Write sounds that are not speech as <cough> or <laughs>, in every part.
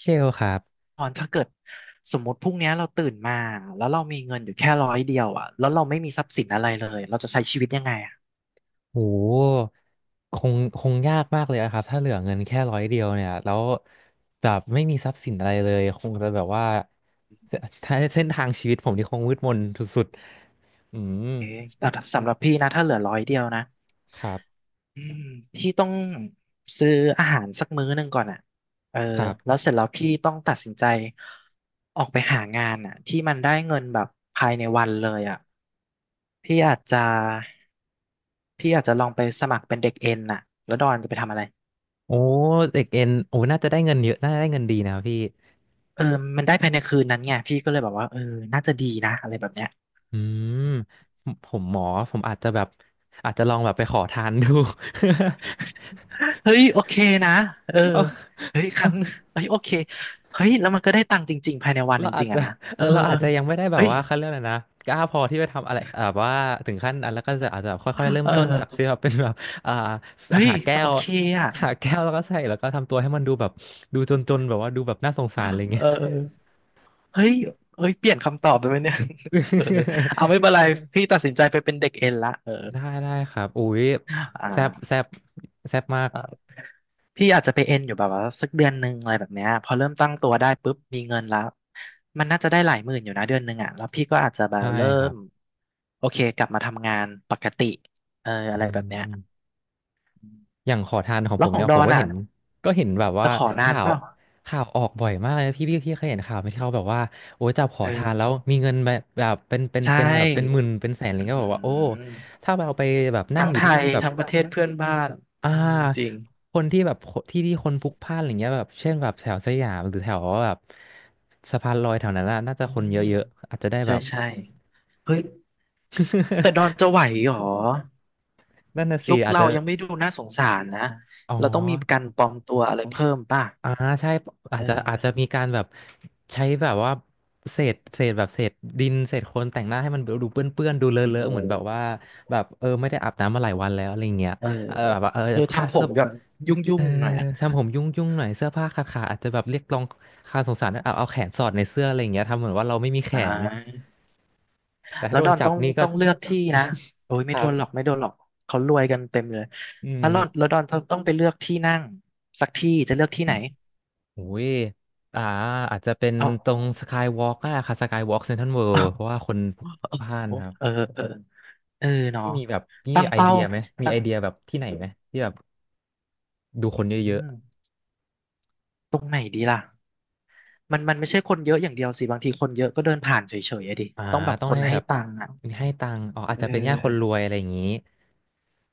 เชลครับตอนถ้าเกิดสมมติพรุ่งเนี้ยเราตื่นมาแล้วเรามีเงินอยู่แค่ร้อยเดียวอ่ะแล้วเราไม่มีทรัพย์สินอะไรเลยเราจะใช้ชีวิตยังไงอ่ะโหคงคงยากมากเลยอะครับ ถ้าเหลือเงินแค่ร้อยเดียวเนี่ย แล้วแบบไม่มีทรัพย์สินอะไรเลย คงจะแบบว่าเสเส้นทางชีวิตผมนี่คงมืดมนสุดๆมเอ๊ะแต่สำหรับพี่นะถ้าเหลือร้อยเดียวนะครับ อืมพี่ต้องซื้ออาหารสักมื้อหนึ่งก่อนอ่ะเออครัแล้วบ เสร็จแล้วพี่ต้องตัดสินใจออกไปหางานอ่ะที่มันได้เงินแบบภายในวันเลยอ่ะพี่อาจจะพี่อาจจะลองไปสมัครเป็นเด็กเอ็นอ่ะแล้วดอนจะไปทำอะไร โอ้เด็กเอ็นน่าจะได้เงินเยอะน่าจะได้เงินดีนะครับพี่ เออมันได้ภายในคืนนั้นไง พี่ก็เลยแบบว่าเออน่าจะดีนะอะไรแบบเนี้ยอืมผมหมอ ผมอาจจะแบบอาจจะลองแบบไปขอทานดู <laughs> เฮ้ยโอเคนะเออเอา เฮ้ยครั้งเฮ้ยโอเคเฮ้ยแล้วมันก็ได้ตังค์จริงๆภายในวันเราจอาจริงๆจะ อะนะ <laughs> เอเอออเราอาจจะยังไม่ได้แบเฮ้บยว่าเขาเรื่องนะนะกล้าพอที่ไปทำอะไรแบบว่าถึงขั้นอันแล้วก็จะอาจจะแบบค่อยๆเริ่มเอต้นจากอที่แบบเป็นแบบ <laughs> อ่าเฮ้ยหาแก้โอว เคอะ <laughs> หาแก้วแล้วก็ใส่แล้วก็ทำตัวให้มันดูแบบดูจนๆแบบว่าดูแบบน่าสงสารอะไรเงี้เอย อเฮ้ยเฮ้ยเปลี่ยนคำตอบไปไหมเนี่ย <laughs> เออ <laughs> เอาไม่เป็นไร พี่ตัดสินใจไปเป็นเด็กเอ็นละเออได้ได้ครับอุ้ยอ่แซบแซา บแซบมากพี่อาจจะไปเอ็นอยู่แบบว่าสักเดือนหนึ่งอะไรแบบเนี้ยพอเริ่มตั้งตัวได้ปุ๊บมีเงินแล้วมันน่าจะได้หลายหมื่นอยู่นะเดือนหนึ่งอ่ะแล้วพี่ก็อาจจะแบบใช่เริ่ครัมบโอเคกลับมาทำงานปกติเอออือะไรแบบเนี้ยม อย่างขอทานของแล้ผวมของเนี่ยดผอมนก็อ่ะเห็นก็เห็นแบบว่าจะขอนานข่าเปวล่าข่าวออกบ่อยมากเลยพี่พี่เคยเห็นข่าวไหมที่เขาแบบว่าโอ้จับขเอทานแล้วออมีเงินแบบแบบเป็นใช่เป็นแบบเป็นหมื่นเป็นแสนอะไรอืเงี้ยก็บอกว่าโอ้มถ้าเราไปแบบนั่งทั้งอไทยู่ที่ยที่แบบทั้งประเทศเพื่อนบ้านอ่าอืมจริงคนที่แบบที่ที่คนพลุกพล่านอะไรเงี้ยแบบเช่นแบบแถวสยามหรือแถวแบบสะพานลอยแถวนั้นน่ะน่าจะอืคนเยมอะๆอาจจะได้แบใช่บ ใช่เฮ้ยแต่ดอนจะไหวเหรอ <laughs> นั่นน่ะสิลุคอาจจะเรายังไม่ดูน่าสงสารนะอ๋อ เราต้องมีการปลอมตัวอะไรเพิ่มป่ะอ่าใช่อาเอจจะอาจจะอมีการแบบใช้แบบว่าเศษแบบเศษดินเศษโคลนแต่งหน้าให้มันดูเปื้อนเปื้อนดูเลอะอเลโมอะเหมือนแบบว่าแบบไม่ได้อาบน้ำมาหลายวันแล้วอะไรเงี้ยเออเออแบบว่าเออค่าทำผเสื้อมแบบยุ่เองอๆหน่อยอะทำผมยุ่งยุ่งหน่อยเสื้อผ้าขาดขาอาจจะแบบเรียกร้องค่าสงสารเอาเอาแขนสอดในเสื้ออะไรเงี้ยทำเหมือนว่าเราไม่มีแขอ่นาแต่ถ้าแล้วโดดนอนจับต้องนี่ก็ต้องเลือกที่นะโอ้ยคไม่รัโดนหรอกบไม่โดนหรอกเขารวยกันเต็มเลยอืมแล้วดอนต้องไปเลือกที่นั่งสักที่จะเลือกที่ไหนโอ้ยอ่าอาจจะเป็นเอาตรงสกายวอล์กก็ได้ค่ะสกายวอล์กเซ็นทรัลเวิลด์เพราะเอาว่าคนพลุกพล่านเออครับ เออเออเนาะที่มีแบบพี่ตั้มีงไอเป้าเดียไหมมีตั้ไองเดียแบบที่ไหนไหมที่แบบดูคอืนเยอะมตรงไหนดีล่ะ มันไม่ใช่คนเยอะอย่างเดียวสิบางทีคนเยอะก็เดินผ่านเฉยๆอะดิๆต้องแบบต้อคงนให้ให้แบบตังค์อ่ะให้ตังค์อ๋ออาจเอจะเป็นญาติคนรอวยอะไรอย่างนี้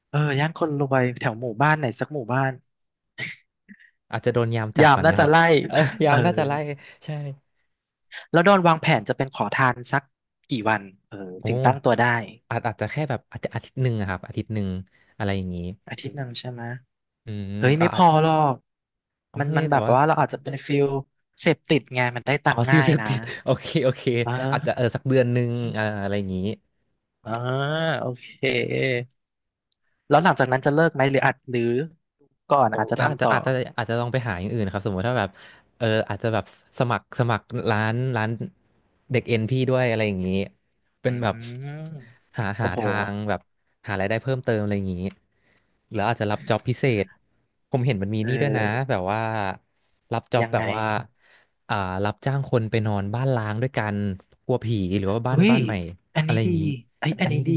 เออย่านคนรวยแถวหมู่บ้านไหนสักหมู่บ้านอาจจะโดนยามจับยามก่อนน่านะครัจะบ ไล่ <laughs> เออ <laughs> ยาเอมอน่าจะไล่ใช่แล้วดอนวางแผนจะเป็นขอทานสักกี่วันเออโอถึงตั้งตัว้ได้อาจจะแค่แบบอาจจะอาทิตย์หนึ่งอะครับอาทิตย์หนึ่งอะไรอย่างนี้อาทิตย์หนึ่งใช่ไหมอืมเฮ้ยไม่พอาจอหรอกโอมันเคมันแต่แบบว่าว่าเราอาจจะเป็นฟิลเสพติดไงมันได้ตัอ๋อ งค์ <laughs> ซิลง่ายเสพนะติด <laughs> โอเคโอเคเออาจจะเอออสักเดือนหนึ่งอะไรอย่างนี้ เออโอเคแล้วหลังจากนั้นจะเลิกไหมหรืออาจหรือก่อนอาจจะก็อาจจะทำต่อ อาจจะลองไปหาอย่างอื่นครับสมมติถ้าแบบเอออาจจะแบบสมัครร้านเด็กเอ็นพี่ด้วยอะไรอย่างนี้เป็อืนแบบมหาโอ้หาโหทางแบบหารายได้เพิ่มเติมอะไรอย่างนี้หรืออาจจะรับจ็อบพิเศษผมเห็นมันมีเนี่ด้วยนะออแบบว่ารับจ็อบยังแบไงบว่าอ่ารับจ้างคนไปนอนบ้านล้างด้วยกันกลัวผีหรือว่าบ้านเฮ้ยบ้านใหม่อันอะไรนี้อย่าดีงนี้เอ้ยอัอันนนี้นี้ดี ดี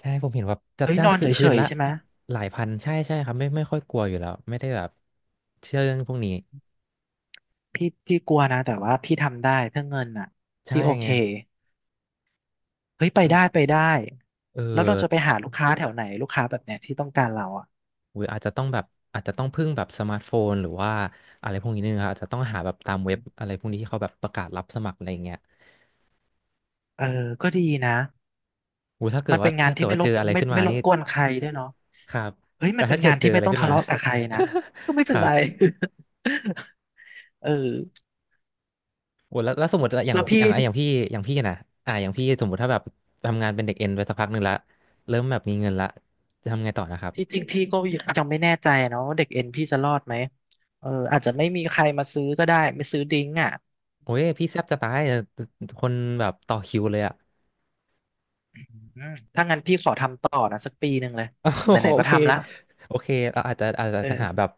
ใช่ผมเห็นแบบจัดเฮ้ยจ้านงอนคือเฉคืนยละๆใช่ไหมหลายพันใช่ใช่ครับไม่ค่อยกลัวอยู่แล้วไม่ได้แบบเชื่อเรื่องพวกนี้พี่พี่กลัวนะแต่ว่าพี่ทำได้เพื่อเงินอ่ะใช่พี่โอไงเคเฮ้ยไปมันได้ไปได้เออแล้วเราจะไปหาลูกค้าแถวไหนลูกค้าแบบเนี้ยที่ต้องการเราอ่ะหรืออาจจะต้องแบบอาจจะต้องพึ่งแบบสมาร์ทโฟนหรือว่าอะไรพวกนี้นึงครับอาจจะต้องหาแบบตามเว็บอะไรพวกนี้ที่เขาแบบประกาศรับสมัครอะไรอย่างเงี้ยเออก็ดีนะถ้าเกิมัดนเป็ว่านงานถ้าเกิที่ดไม่ว่ารเจบออะไรไม่ขึ้นมาไม่รบนี่กวนใครด้วยเนาะครับเฮ้ยแต่มันเป็นถ้าเกิงาดนเจที่อไม่อะไรต้องขึ้นทะมา เลาะกับใครนะ <laughs> ก็ไม่เป็คนรัไร บ <laughs> เออแล้วสมมติอย่างแล้วพี่อพี่ ย่างอย่างพี่อย่างพี่นะอย่างพี่สมมติถ้าแบบทำงานเป็นเด็กเอ็นไปสักพักหนึ่งละเริ่มแบบมีเงินละจะทำไงต่อนะครับที่จริงพี่ก็ยังไม่แน่ใจนะว่าเด็กเอ็นพี่จะรอดไหมเอออาจจะไม่มีใครมาซื้อก็ได้ไม่ซื้อดิ้งอ่ะโอ้ยพี่แซบจะตายอะคนแบบต่อคิวเลยอะ อืมถ้างั้นพี่ขอทำต่อนะสักปีหนึ่งเลยไหน <laughs> โอๆก็เคทำละโอเคเราอาจจะอาจจะเออาจจะหาแบอ บ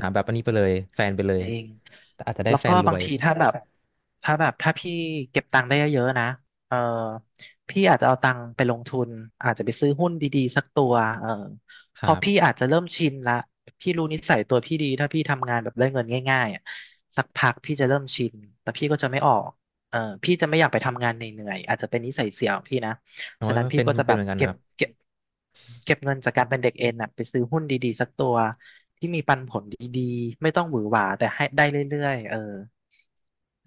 หาแบบอันนี้ไปเลยแฟนไปเลยจริงแต่อาจจะได้แล้วแฟก็นรบาวงยทีถ้าแบบถ้าพี่เก็บตังค์ได้เยอะๆนะเออพี่อาจจะเอาตังค์ไปลงทุนอาจจะไปซื้อหุ้นดีๆสักตัวเออคเพรัอพี่บอาจจะเริ่มชินละพี่รู้นิสัยตัวพี่ดีถ้าพี่ทำงานแบบได้เงินง่ายๆอะสักพักพี่จะเริ่มชินแต่พี่ก็จะไม่ออกเออพี่จะไม่อยากไปทำงานเหนื่อยๆอาจจะเป็นนิสัยเสียของพี่นะ โอ้ฉะยนั้นพี่เป็นก็จะเป็แบนเหบมือนกันนะครับเก็บเก็บเงินจากการเป็นเด็กเอ็นน่ะไปซื้อหุ้นดีๆสักตัวที่มีปันผลดีๆไม่ต้องหวือหวาแต่ให้ได้เรื่อยๆเออ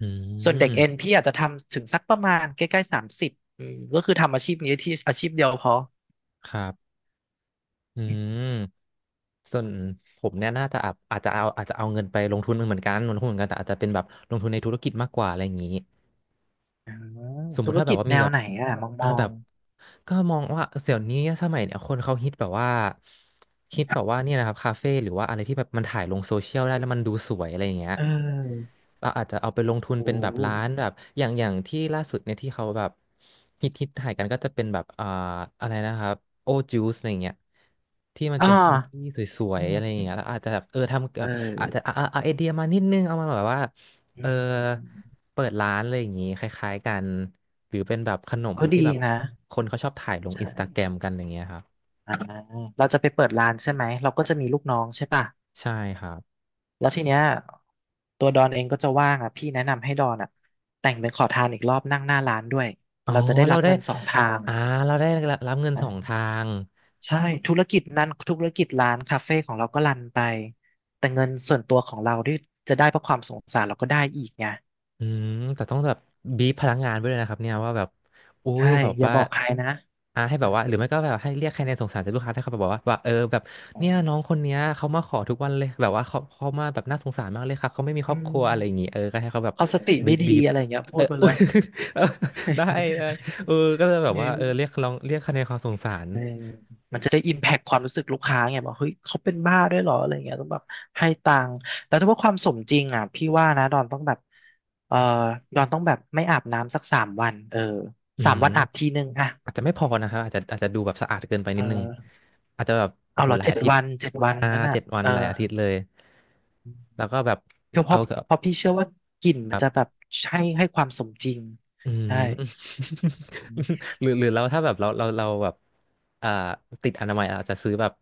อืส่วนเด็มกเอ็นพี่อาจจะทำถึงสักประมาณใกล้ๆ30อืมก็คือทำอาชีพนี้ที่อาชีพเดียวพอครับอืมส่วนผมเนี่ยน่าจะอาจจะเอาอาจจะเอาเงินไปลงทุนเหมือนกันลงทุนเหมือนกันแต่อาจจะเป็นแบบลงทุนในธุรกิจมากกว่าอะไรอย่างนี้ อ๋อสมมุธุติรถ้าแบกิบจว่าแนมีวแบบไหนอ่ะมองมอ่าอแบงบก็มองว่าเดี๋ยวนี้สมัยเนี่ยคนเขาฮิตแบบว่าเนี่ยนะครับคาเฟ่หรือว่าอะไรที่แบบมันถ่ายลงโซเชียลได้แล้วมันดูสวยอะไรอย่างเงี้ยเออเราอาจจะเอาไปลงทุนโอ้เป็นแบบร้านแบบอย่างที่ล่าสุดเนี่ยที่เขาแบบฮิตถ่ายกันก็จะเป็นแบบอะไรนะครับโอจูสอะไรอย่างเงี้ยที่มันอ่าเป็นสมูทตี้สวยอืๆอะไรอย่างมเงี้ยแล้วอาจจะแบบเออทำแบเอบอาจจะอเอาไอเดียมานิดนึงเอามาแบบว่าอืเออ มอืมอืมเปิดร้านอะไรอย่างนี้คล้ายๆกันหรือเป็นแบบขนมก็ที่ดีแบบนะคนเขาชอบถ่ายลงอินใช่สตาแกรมกันอย่างเงี้ยครับอ่าเราจะไปเปิดร้านใช่ไหมเราก็จะมีลูกน้องใช่ป่ะ ใช่ครับแล้วทีเนี้ยตัวดอนเองก็จะว่างอ่ะพี่แนะนำให้ดอนอ่ะแต่งเป็นขอทานอีกรอบนั่งหน้าร้านด้วยอ๋อเราจะได้เรารับได้เงินสองทางอ่าเราได้รับเงินสองอ่าทาง ใช่ธุรกิจนั้นธุรกิจร้านคาเฟ่ของเราก็รันไปแต่เงินส่วนตัวของเราที่จะได้เพราะความสงสารเราก็ได้อีกไงอืมแต่ต้องแบบบีบพลังงานไว้ด้วยนะครับเนี่ยว่าแบบอุ้ใช่ยแบบอย่าว่าบอกใครนะให้แบบว่าหเรือไม่ก็แบบให้เรียกคะแนนสงสารจากลูกค้าถ้าเขาแบบว่าว่าเออแบบออเนี่ยน้องคนเนี้ยเขามาขอทุกวันเลยแบบว่าเขามาแบบน่าสงสารมากเลยค่ะเขาไม่มีคอืรอบครัวอะไรอย่างงี้มเออก็ให้เขาแบบเขาสติบีไม่บดีบีบอะไรอย่างเงี้ยเอพูอ ดไป <laughs> เลอุ้ย ย <laughs> ได้ได้เออ <laughs> ก็จะแบบเอว่าเออเรียกอ ลองเรียกคะแนนความสงสารเออมันจะได้อิมแพคความรู้สึกลูกค้าไงบอกเฮ้ยเขาเป็นบ้าด้วยเหรออะไรเงี้ยต้องแบบให้ตังค์แต่ถ้าว่าความสมจริงอ่ะพี่ว่านะดอนต้องแบบเออดอนต้องแบบไม่อาบน้ำสักสามวันเอออืสามม วันอาบทีนึงอ่ะอาจจะไม่พอนะครับอาจจะดูแบบสะอาดเกินไปเนิดนึงอออาจจะแบบโอ้เอาโหเหรอหลายเจ็ดอาทิตวัย์นเจ็ดวันห้างั้นอ่ะเจ็ดวันเออหลายอาทิตย์เลยแล้วก็แบบเพราะเพเอาราะแบบเพราะพี่เชื่อว่ากลิ่นมันแบบจะแบบให้ความสมจริงอืใช่ม <laughs> หรือเราถ้าแบบเราแบบอ่าติดอนามัยอาจจะซื้อแบบ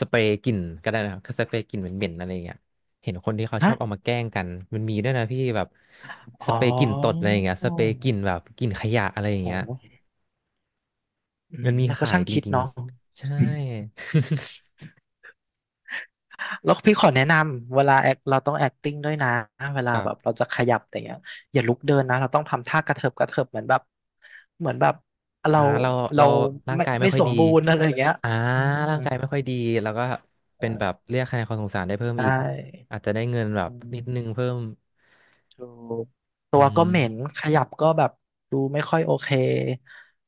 สเปรย์กลิ่นก็ได้นะครับสเปรย์กลิ่นเหม็นๆอะไรอย่างเงี้ยเห็นคนที่เขาชฮะอบเอามาแกล้งกันมันมีด้วยนะพี่แบบอ๋สอเปรย์กลิ่นตดอะไรอย่างโเงี้ยสเปรย์กลิ่นอแบบกลิ่นขยะอะไรอ้ย่าโหงเงี้ยมันมีมันก็ขายช่างจคิดริงเนาะ ๆใช่ แล้วพี่ขอแนะนำเวลา act เราต้อง acting ด้วยนะเว <laughs> คลารัแบบบ เราจะขยับอต่เงี้ยอย่าลุกเดินนะเราต้องทำท่ากระเถิบกระเถิบเหมือนแบบเหมือนแบบอ่าเราเราเราเราร่างไม่กายไม่ไม่ค่อสยมดีบูรณ์อะไรอย่างเงี้ยอ่าอืมร่างกายไม่ค่อยดีแล้วก็เป็นแบบเรียกคะแนนความสงสารได้เพิ่มใชอีก่อาจจะได้เงินแบบอืมนิดนึงเพิ่มถูกตัอืวก็ม เหม็นข <laughs> ยับก็แบบดูไม่ค่อยโอเค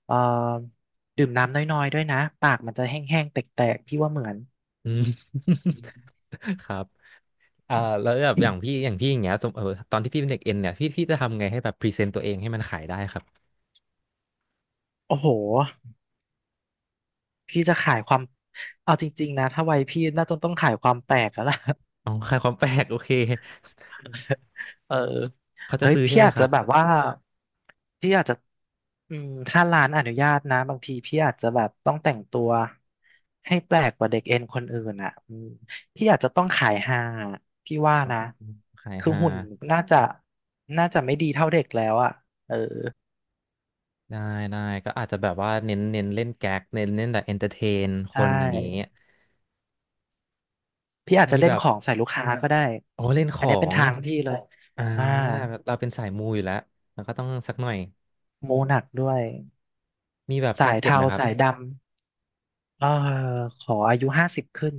เอ่อดื่มน้ำน้อยๆด้วยนะปากมันจะแห้งๆแตกๆพี่ว่าเหมือนอืม <laughs> ครับอ่าแล้วแบบอย่างพี่อย่างเงี้ยสมตอนที่พี่เป็นเด็กเอ็นเนี่ยพี่จะทำไงให้แบบพรีเซนต์ตัวเองให้มันขายได้ครับโอ้โห พี่จะขายความเอาจริงๆนะถ้าวัยพี่น่าจะต้องขายความแปลกแล้วล่ะ อ๋อขายความแปลกโอเค <laughs> เออเขาจะเฮ้ยซื้อใช่พี่ไหมอาจครัจะบแบบว่าพี่อาจจะถ้าร้านอนุญาตนะบางทีพี่อาจจะแบบต้องแต่งตัวให้แปลกกว่าเด็กเอ็นคนอื่นอ่ะอืมพี่อาจจะต้องขายฮาพี่ว่านะอืมขายคือฮาหุ่นน่าจะน่าจะไม่ดีเท่าเด็กแล้วอ่ะเออได้ได้ก็อาจจะแบบว่าเน้นเล่นแก๊กเน้นเล่นแบบเอนเตอร์เทนคใชนอย่างงี้่พี่อาจมีจะเล่แบนขบ องใส่ลูกค้าก็ได้โอ้เล่นขอันอเนี้ยเป็นงทางพี่เลยอ่าอ่า เราเป็นสายมูอยู่แล้วมันก็ต้องสักหน่อยมูหนักด้วยมีแบบทาสาร์ยเก็ตเทาไหมครับสายดำเออขออายุห้าสิบขึ้น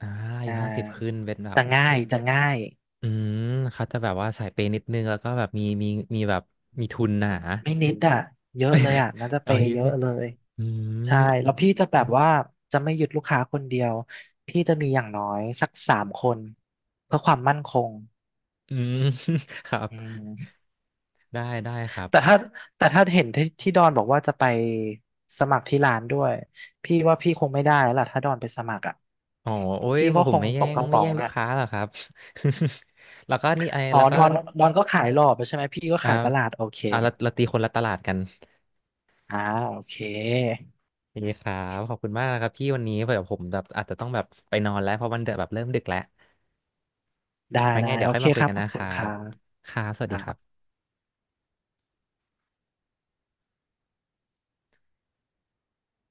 อ่าอาอ่ยุห้าสิบาขึ้นเป็นแบบ จะง่ายจะง่ายอืมเขาจะแบบว่าสายเปย์นิดนึงแล้วก็แบบมีมีแบบมีทุนหนา ไม่นิดอ่ะเยอะเลยอ่ะน่าจะ <laughs> เปเอาย์เยอะเยเลอะยเลยอืใช่มแล้วพี่จะแบบว่าจะไม่ยึดลูกค้าคนเดียวพี่จะมีอย่างน้อยสักสามคนเพื่อความมั่นคงอืม <laughs> ครับอืมได้ได้ครัแต่บ ถ้าแต่ถ้าเห็นที่ดอนบอกว่าจะไปสมัครที่ร้านด้วยพี่ว่าพี่คงไม่ได้แล้วล่ะถ้าดอนไปสมัครอ่ะอ๋อโอ้ยพี่ก็มาผคมงไม่ตแย่กงกระป๋องลูกอ่ะ ค้าหรอกครับ <laughs> แล้วก็นี่ไออ๋อแล้วก็ดอน ก็ขายหล่อไปใช่ไหม พี่ก็อ่าขายประหลาดโอเคเราตีคนละตลาดกัน อ่าโอเค ดีครับขอบคุณมากนะครับพี่วันนี้เผื่อผมแบบอาจจะต้องแบบไปนอนแล้วเพราะมันเดแบบเริ่มดึกแล้วได้ ไว้ไงได้ เดี๋ยโอวค่อยเคมาคุคยรับกันขอนะบคคุณรัครับครับสวัสดีครับบ